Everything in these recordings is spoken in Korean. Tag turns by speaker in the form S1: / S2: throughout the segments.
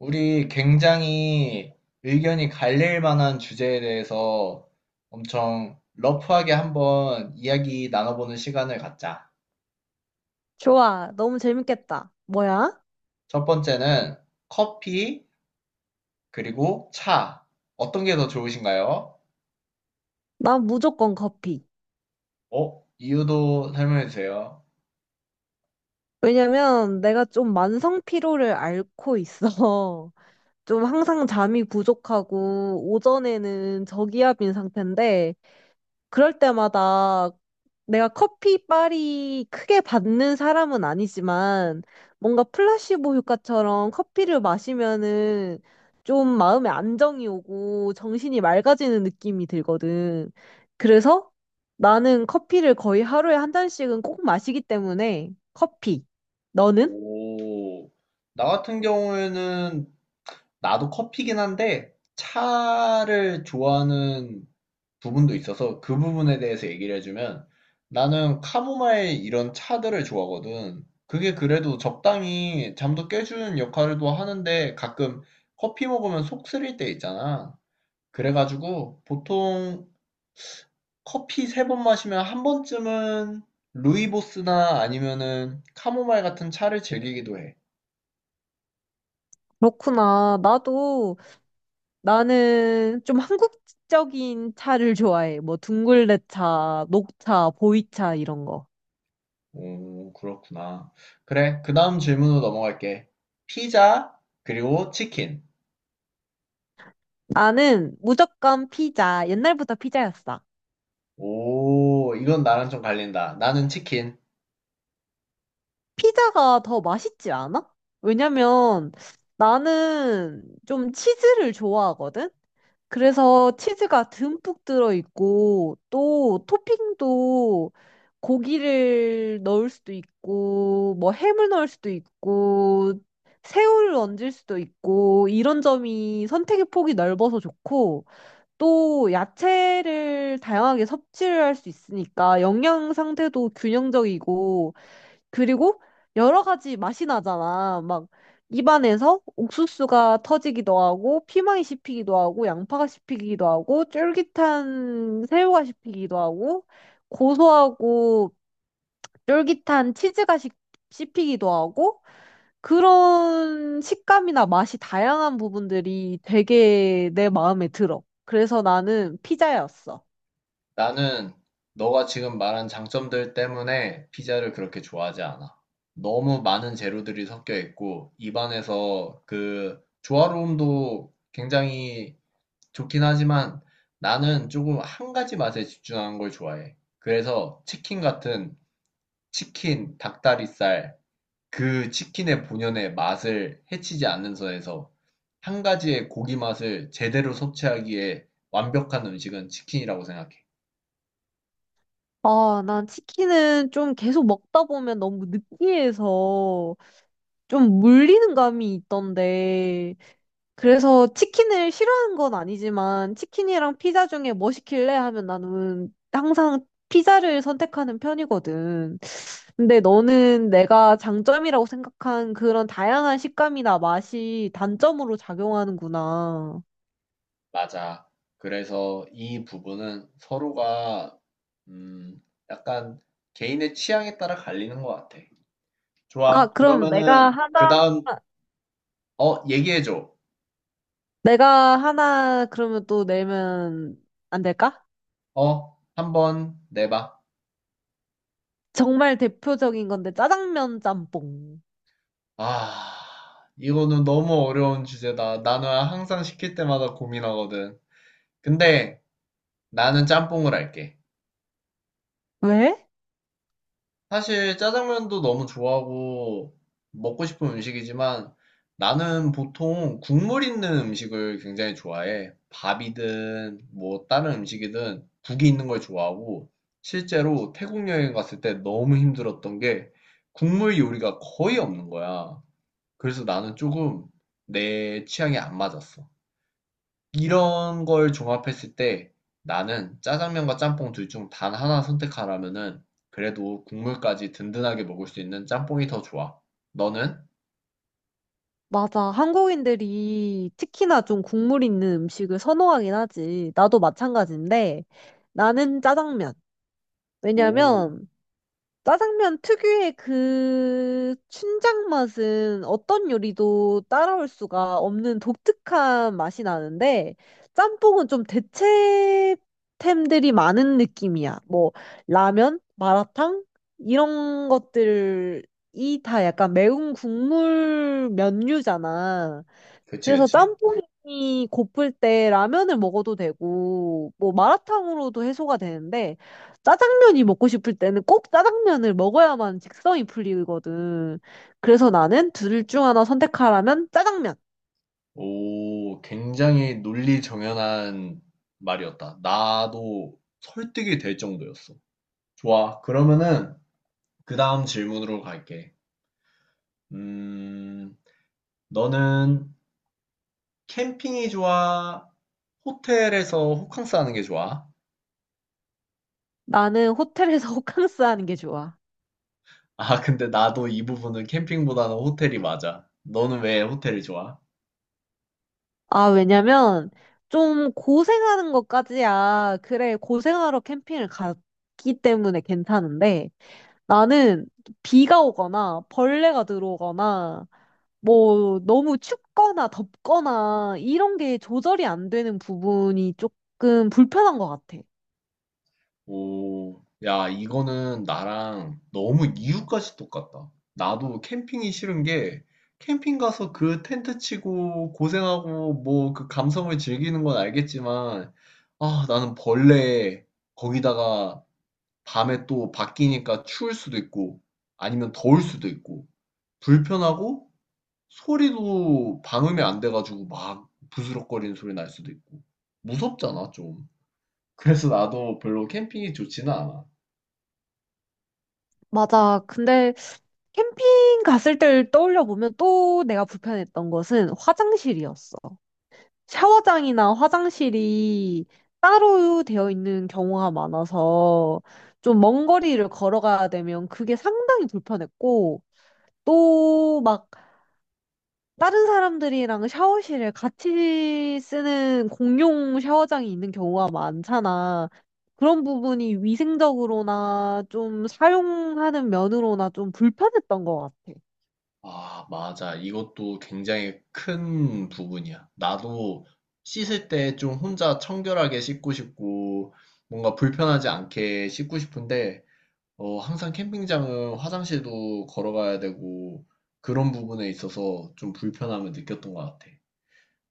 S1: 우리 굉장히 의견이 갈릴 만한 주제에 대해서 엄청 러프하게 한번 이야기 나눠보는 시간을 갖자.
S2: 좋아. 너무 재밌겠다. 뭐야?
S1: 첫 번째는 커피, 그리고 차. 어떤 게 더 좋으신가요?
S2: 난 무조건 커피.
S1: 어? 이유도 설명해 주세요.
S2: 왜냐면 내가 좀 만성 피로를 앓고 있어. 좀 항상 잠이 부족하고 오전에는 저기압인 상태인데 그럴 때마다 내가 커피 빨이 크게 받는 사람은 아니지만 뭔가 플라시보 효과처럼 커피를 마시면은 좀 마음에 안정이 오고 정신이 맑아지는 느낌이 들거든. 그래서 나는 커피를 거의 하루에 한 잔씩은 꼭 마시기 때문에 커피. 너는?
S1: 오, 나 같은 경우에는 나도 커피긴 한데 차를 좋아하는 부분도 있어서 그 부분에 대해서 얘기를 해주면 나는 카모마일 이런 차들을 좋아하거든. 그게 그래도 적당히 잠도 깨주는 역할도 하는데 가끔 커피 먹으면 속 쓰릴 때 있잖아. 그래가지고 보통 커피 3번 마시면 1번쯤은 루이보스나 아니면은 카모마일 같은 차를 즐기기도 해.
S2: 그렇구나. 나도 나는 좀 한국적인 차를 좋아해. 뭐 둥글레차, 녹차, 보이차 이런 거.
S1: 오, 그렇구나. 그래, 그 다음 질문으로 넘어갈게. 피자, 그리고 치킨.
S2: 나는 무조건 피자. 옛날부터 피자였어.
S1: 오, 이건 나랑 좀 갈린다. 나는 치킨.
S2: 피자가 더 맛있지 않아? 왜냐면 나는 좀 치즈를 좋아하거든? 그래서 치즈가 듬뿍 들어있고 또 토핑도 고기를 넣을 수도 있고 뭐 햄을 넣을 수도 있고 새우를 얹을 수도 있고 이런 점이 선택의 폭이 넓어서 좋고 또 야채를 다양하게 섭취를 할 수 있으니까 영양 상태도 균형적이고 그리고 여러 가지 맛이 나잖아. 막 입안에서 옥수수가 터지기도 하고 피망이 씹히기도 하고 양파가 씹히기도 하고 쫄깃한 새우가 씹히기도 하고 고소하고 쫄깃한 치즈가 씹히기도 하고 그런 식감이나 맛이 다양한 부분들이 되게 내 마음에 들어. 그래서 나는 피자였어.
S1: 나는 너가 지금 말한 장점들 때문에 피자를 그렇게 좋아하지 않아. 너무 많은 재료들이 섞여 있고, 입안에서 그 조화로움도 굉장히 좋긴 하지만 나는 조금 한 가지 맛에 집중하는 걸 좋아해. 그래서 치킨 같은 치킨, 닭다리살, 그 치킨의 본연의 맛을 해치지 않는 선에서 한 가지의 고기 맛을 제대로 섭취하기에 완벽한 음식은 치킨이라고 생각해.
S2: 아, 난 치킨은 좀 계속 먹다 보면 너무 느끼해서 좀 물리는 감이 있던데, 그래서 치킨을 싫어하는 건 아니지만 치킨이랑 피자 중에 뭐 시킬래 하면 나는 항상 피자를 선택하는 편이거든. 근데 너는 내가 장점이라고 생각한 그런 다양한 식감이나 맛이 단점으로 작용하는구나.
S1: 맞아. 그래서 이 부분은 서로가 음, 약간 개인의 취향에 따라 갈리는 것 같아.
S2: 아,
S1: 좋아.
S2: 그럼 내가
S1: 그러면은 그
S2: 하나,
S1: 다음 얘기해줘.
S2: 내가 하나 그러면 또 내면 안 될까?
S1: 한번 내봐.
S2: 정말 대표적인 건데 짜장면 짬뽕.
S1: 아 이거는 너무 어려운 주제다. 나는 항상 시킬 때마다 고민하거든. 근데 나는 짬뽕을 할게.
S2: 왜?
S1: 사실 짜장면도 너무 좋아하고 먹고 싶은 음식이지만 나는 보통 국물 있는 음식을 굉장히 좋아해. 밥이든 뭐 다른 음식이든 국이 있는 걸 좋아하고 실제로 태국 여행 갔을 때 너무 힘들었던 게 국물 요리가 거의 없는 거야. 그래서 나는 조금 내 취향에 안 맞았어. 이런 걸 종합했을 때 나는 짜장면과 짬뽕 둘 중 단 하나 선택하라면은 그래도 국물까지 든든하게 먹을 수 있는 짬뽕이 더 좋아. 너는?
S2: 맞아. 한국인들이 특히나 좀 국물 있는 음식을 선호하긴 하지. 나도 마찬가지인데 나는 짜장면.
S1: 오,
S2: 왜냐면 짜장면 특유의 그 춘장 맛은 어떤 요리도 따라올 수가 없는 독특한 맛이 나는데 짬뽕은 좀 대체템들이 많은 느낌이야. 뭐 라면, 마라탕 이런 것들이 다 약간 매운 국물 면류잖아.
S1: 그치,
S2: 그래서
S1: 그치.
S2: 짬뽕이 고플 때 라면을 먹어도 되고, 뭐 마라탕으로도 해소가 되는데, 짜장면이 먹고 싶을 때는 꼭 짜장면을 먹어야만 직성이 풀리거든. 그래서 나는 둘 중 하나 선택하라면 짜장면.
S1: 오, 굉장히 논리 정연한 말이었다. 나도 설득이 될 정도였어. 좋아. 그러면은 그 다음 질문으로 갈게. 음, 너는 캠핑이 좋아? 호텔에서 호캉스 하는 게 좋아?
S2: 나는 호텔에서 호캉스 하는 게 좋아.
S1: 아, 근데 나도 이 부분은 캠핑보다는 호텔이 맞아. 너는 왜 호텔이 좋아?
S2: 아, 왜냐면 좀 고생하는 것까지야. 그래, 고생하러 캠핑을 갔기 때문에 괜찮은데, 나는 비가 오거나 벌레가 들어오거나, 뭐 너무 춥거나 덥거나 이런 게 조절이 안 되는 부분이 조금 불편한 것 같아.
S1: 오, 야, 이거는 나랑 너무 이유까지 똑같다. 나도 캠핑이 싫은 게 캠핑 가서 그 텐트 치고 고생하고 뭐 그 감성을 즐기는 건 알겠지만, 아, 나는 벌레 거기다가 밤에 또 바뀌니까 추울 수도 있고 아니면 더울 수도 있고 불편하고 소리도 방음이 안 돼 가지고 막 부스럭거리는 소리 날 수도 있고. 무섭잖아 좀. 그래서 나도 별로 캠핑이 좋지는 않아.
S2: 맞아. 근데 캠핑 갔을 때를 떠올려 보면 또 내가 불편했던 것은 화장실이었어. 샤워장이나 화장실이 따로 되어 있는 경우가 많아서 좀 먼 거리를 걸어가야 되면 그게 상당히 불편했고 또막 다른 사람들이랑 샤워실을 같이 쓰는 공용 샤워장이 있는 경우가 많잖아. 그런 부분이 위생적으로나 좀 사용하는 면으로나 좀 불편했던 것 같아.
S1: 아, 맞아. 이것도 굉장히 큰 부분이야. 나도 씻을 때 좀 혼자 청결하게 씻고 싶고, 뭔가 불편하지 않게 씻고 싶은데, 항상 캠핑장은 화장실도 걸어가야 되고, 그런 부분에 있어서 좀 불편함을 느꼈던 것 같아.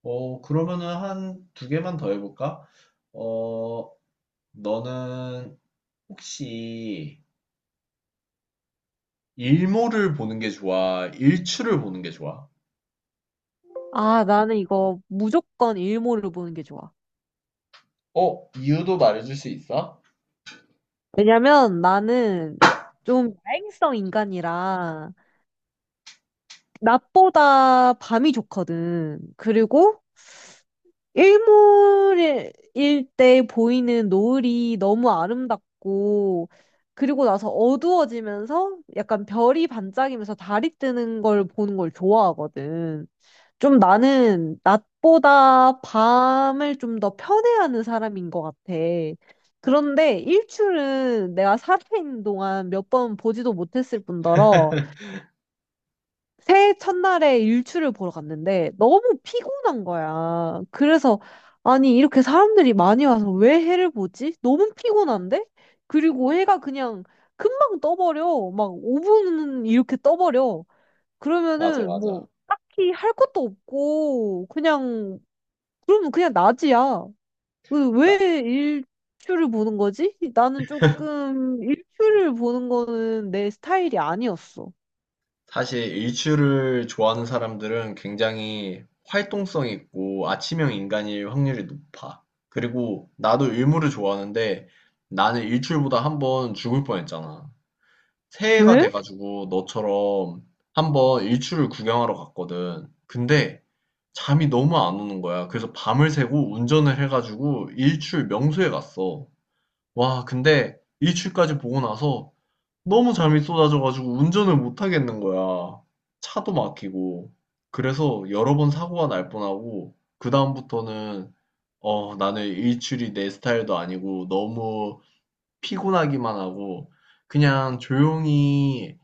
S1: 그러면은 한 두 개만 더 해볼까? 어, 너는 혹시 일몰을 보는 게 좋아? 일출을 보는 게 좋아?
S2: 아, 나는 이거 무조건 일몰을 보는 게 좋아.
S1: 이유도 말해줄 수 있어?
S2: 왜냐면 나는 좀 야행성 인간이라 낮보다 밤이 좋거든. 그리고 일몰일 때 보이는 노을이 너무 아름답고, 그리고 나서 어두워지면서 약간 별이 반짝이면서 달이 뜨는 걸 보는 걸 좋아하거든. 좀 나는 낮보다 밤을 좀 더 편애하는 사람인 것 같아. 그런데 일출은 내가 살아있는 동안 몇 번 보지도 못했을 뿐더러 새해 첫날에 일출을 보러 갔는데 너무 피곤한 거야. 그래서 아니 이렇게 사람들이 많이 와서 왜 해를 보지? 너무 피곤한데? 그리고 해가 그냥 금방 떠버려. 막 5분 이렇게 떠버려.
S1: 맞아,
S2: 그러면은
S1: 맞아.
S2: 뭐 딱히 할 것도 없고 그냥 그러면 그냥 낮이야. 그래서 왜
S1: 나-
S2: 일출을 보는 거지? 나는 조금 일출을 보는 거는 내 스타일이 아니었어.
S1: 사실 일출을 좋아하는 사람들은 굉장히 활동성 있고 아침형 인간일 확률이 높아. 그리고 나도 일몰을 좋아하는데 나는 일출보다 1번 죽을 뻔했잖아. 새해가
S2: 왜?
S1: 돼가지고 너처럼 한번 일출을 구경하러 갔거든. 근데 잠이 너무 안 오는 거야. 그래서 밤을 새고 운전을 해가지고 일출 명소에 갔어. 와, 근데 일출까지 보고 나서 너무 잠이 쏟아져가지고 운전을 못 하겠는 거야. 차도 막히고. 그래서 여러 번 사고가 날 뻔하고, 그다음부터는, 나는 일출이 내 스타일도 아니고 너무 피곤하기만 하고, 그냥 조용히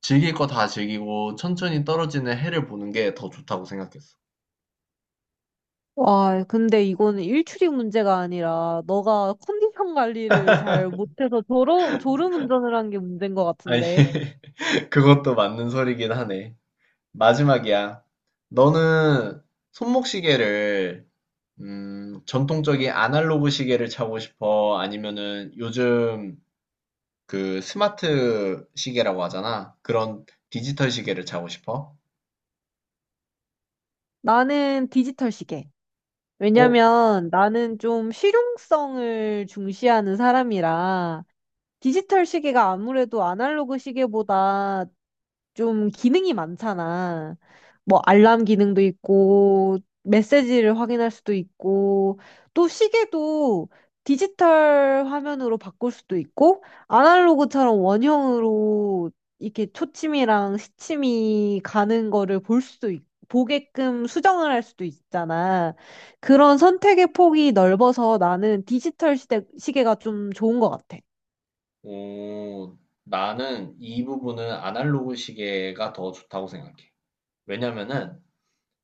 S1: 즐길 거 다 즐기고 천천히 떨어지는 해를 보는 게 더 좋다고 생각했어.
S2: 와, 근데 이거는 일출이 문제가 아니라 너가 컨디션 관리를 잘 못해서 졸음 운전을 한 게 문제인 것
S1: 아니,
S2: 같은데.
S1: 그것도 맞는 소리긴 하네. 마지막이야. 너는 손목시계를, 전통적인 아날로그 시계를 차고 싶어? 아니면은 요즘 그 스마트 시계라고 하잖아. 그런 디지털 시계를 차고 싶어?
S2: 나는 디지털 시계.
S1: 어?
S2: 왜냐면 나는 좀 실용성을 중시하는 사람이라 디지털 시계가 아무래도 아날로그 시계보다 좀 기능이 많잖아. 뭐 알람 기능도 있고 메시지를 확인할 수도 있고 또 시계도 디지털 화면으로 바꿀 수도 있고 아날로그처럼 원형으로 이렇게 초침이랑 시침이 가는 거를 볼 수도 보게끔 수정을 할 수도 있잖아. 그런 선택의 폭이 넓어서 나는 시계가 좀 좋은 것 같아.
S1: 오, 나는 이 부분은 아날로그 시계가 더 좋다고 생각해. 왜냐면은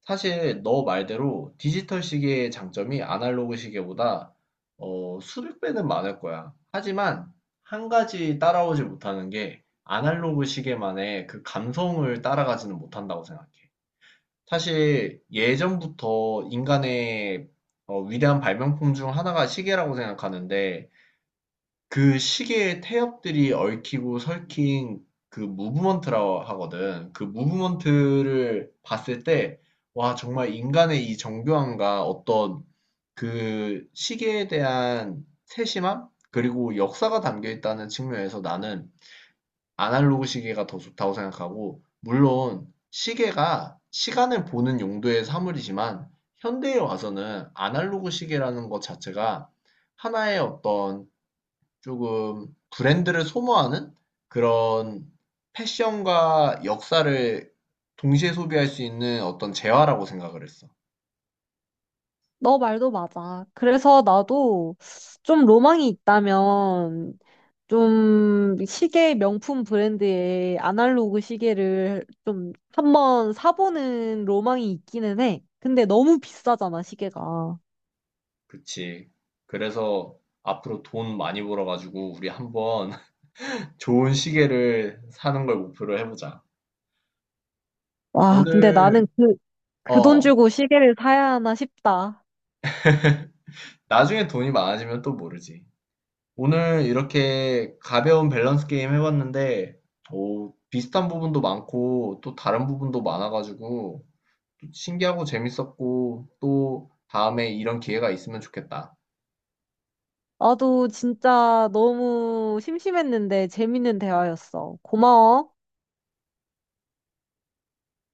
S1: 사실 너 말대로 디지털 시계의 장점이 아날로그 시계보다 수백 배는 많을 거야. 하지만 한 가지 따라오지 못하는 게 아날로그 시계만의 그 감성을 따라가지는 못한다고 생각해. 사실 예전부터 인간의 위대한 발명품 중 하나가 시계라고 생각하는데 그 시계에 태엽들이 얽히고 설킨 그 무브먼트라고 하거든. 그 무브먼트를 봤을 때, 와, 정말 인간의 이 정교함과 어떤 그 시계에 대한 세심함? 그리고 역사가 담겨 있다는 측면에서 나는 아날로그 시계가 더 좋다고 생각하고, 물론 시계가 시간을 보는 용도의 사물이지만, 현대에 와서는 아날로그 시계라는 것 자체가 하나의 어떤 조금 브랜드를 소모하는 그런 패션과 역사를 동시에 소비할 수 있는 어떤 재화라고 생각을 했어.
S2: 너 말도 맞아. 그래서 나도 좀 로망이 있다면 좀 시계 명품 브랜드의 아날로그 시계를 좀 한번 사보는 로망이 있기는 해. 근데 너무 비싸잖아, 시계가.
S1: 그치. 그래서 앞으로 돈 많이 벌어가지고 우리 한번 좋은 시계를 사는 걸 목표로 해보자.
S2: 와,
S1: 오늘,
S2: 그 돈
S1: 어,
S2: 주고 시계를 사야 하나 싶다.
S1: 나중에 돈이 많아지면 또 모르지. 오늘 이렇게 가벼운 밸런스 게임 해봤는데, 오, 비슷한 부분도 많고 또 다른 부분도 많아가지고 신기하고 재밌었고 또 다음에 이런 기회가 있으면 좋겠다.
S2: 나도 진짜 너무 심심했는데 재밌는 대화였어. 고마워.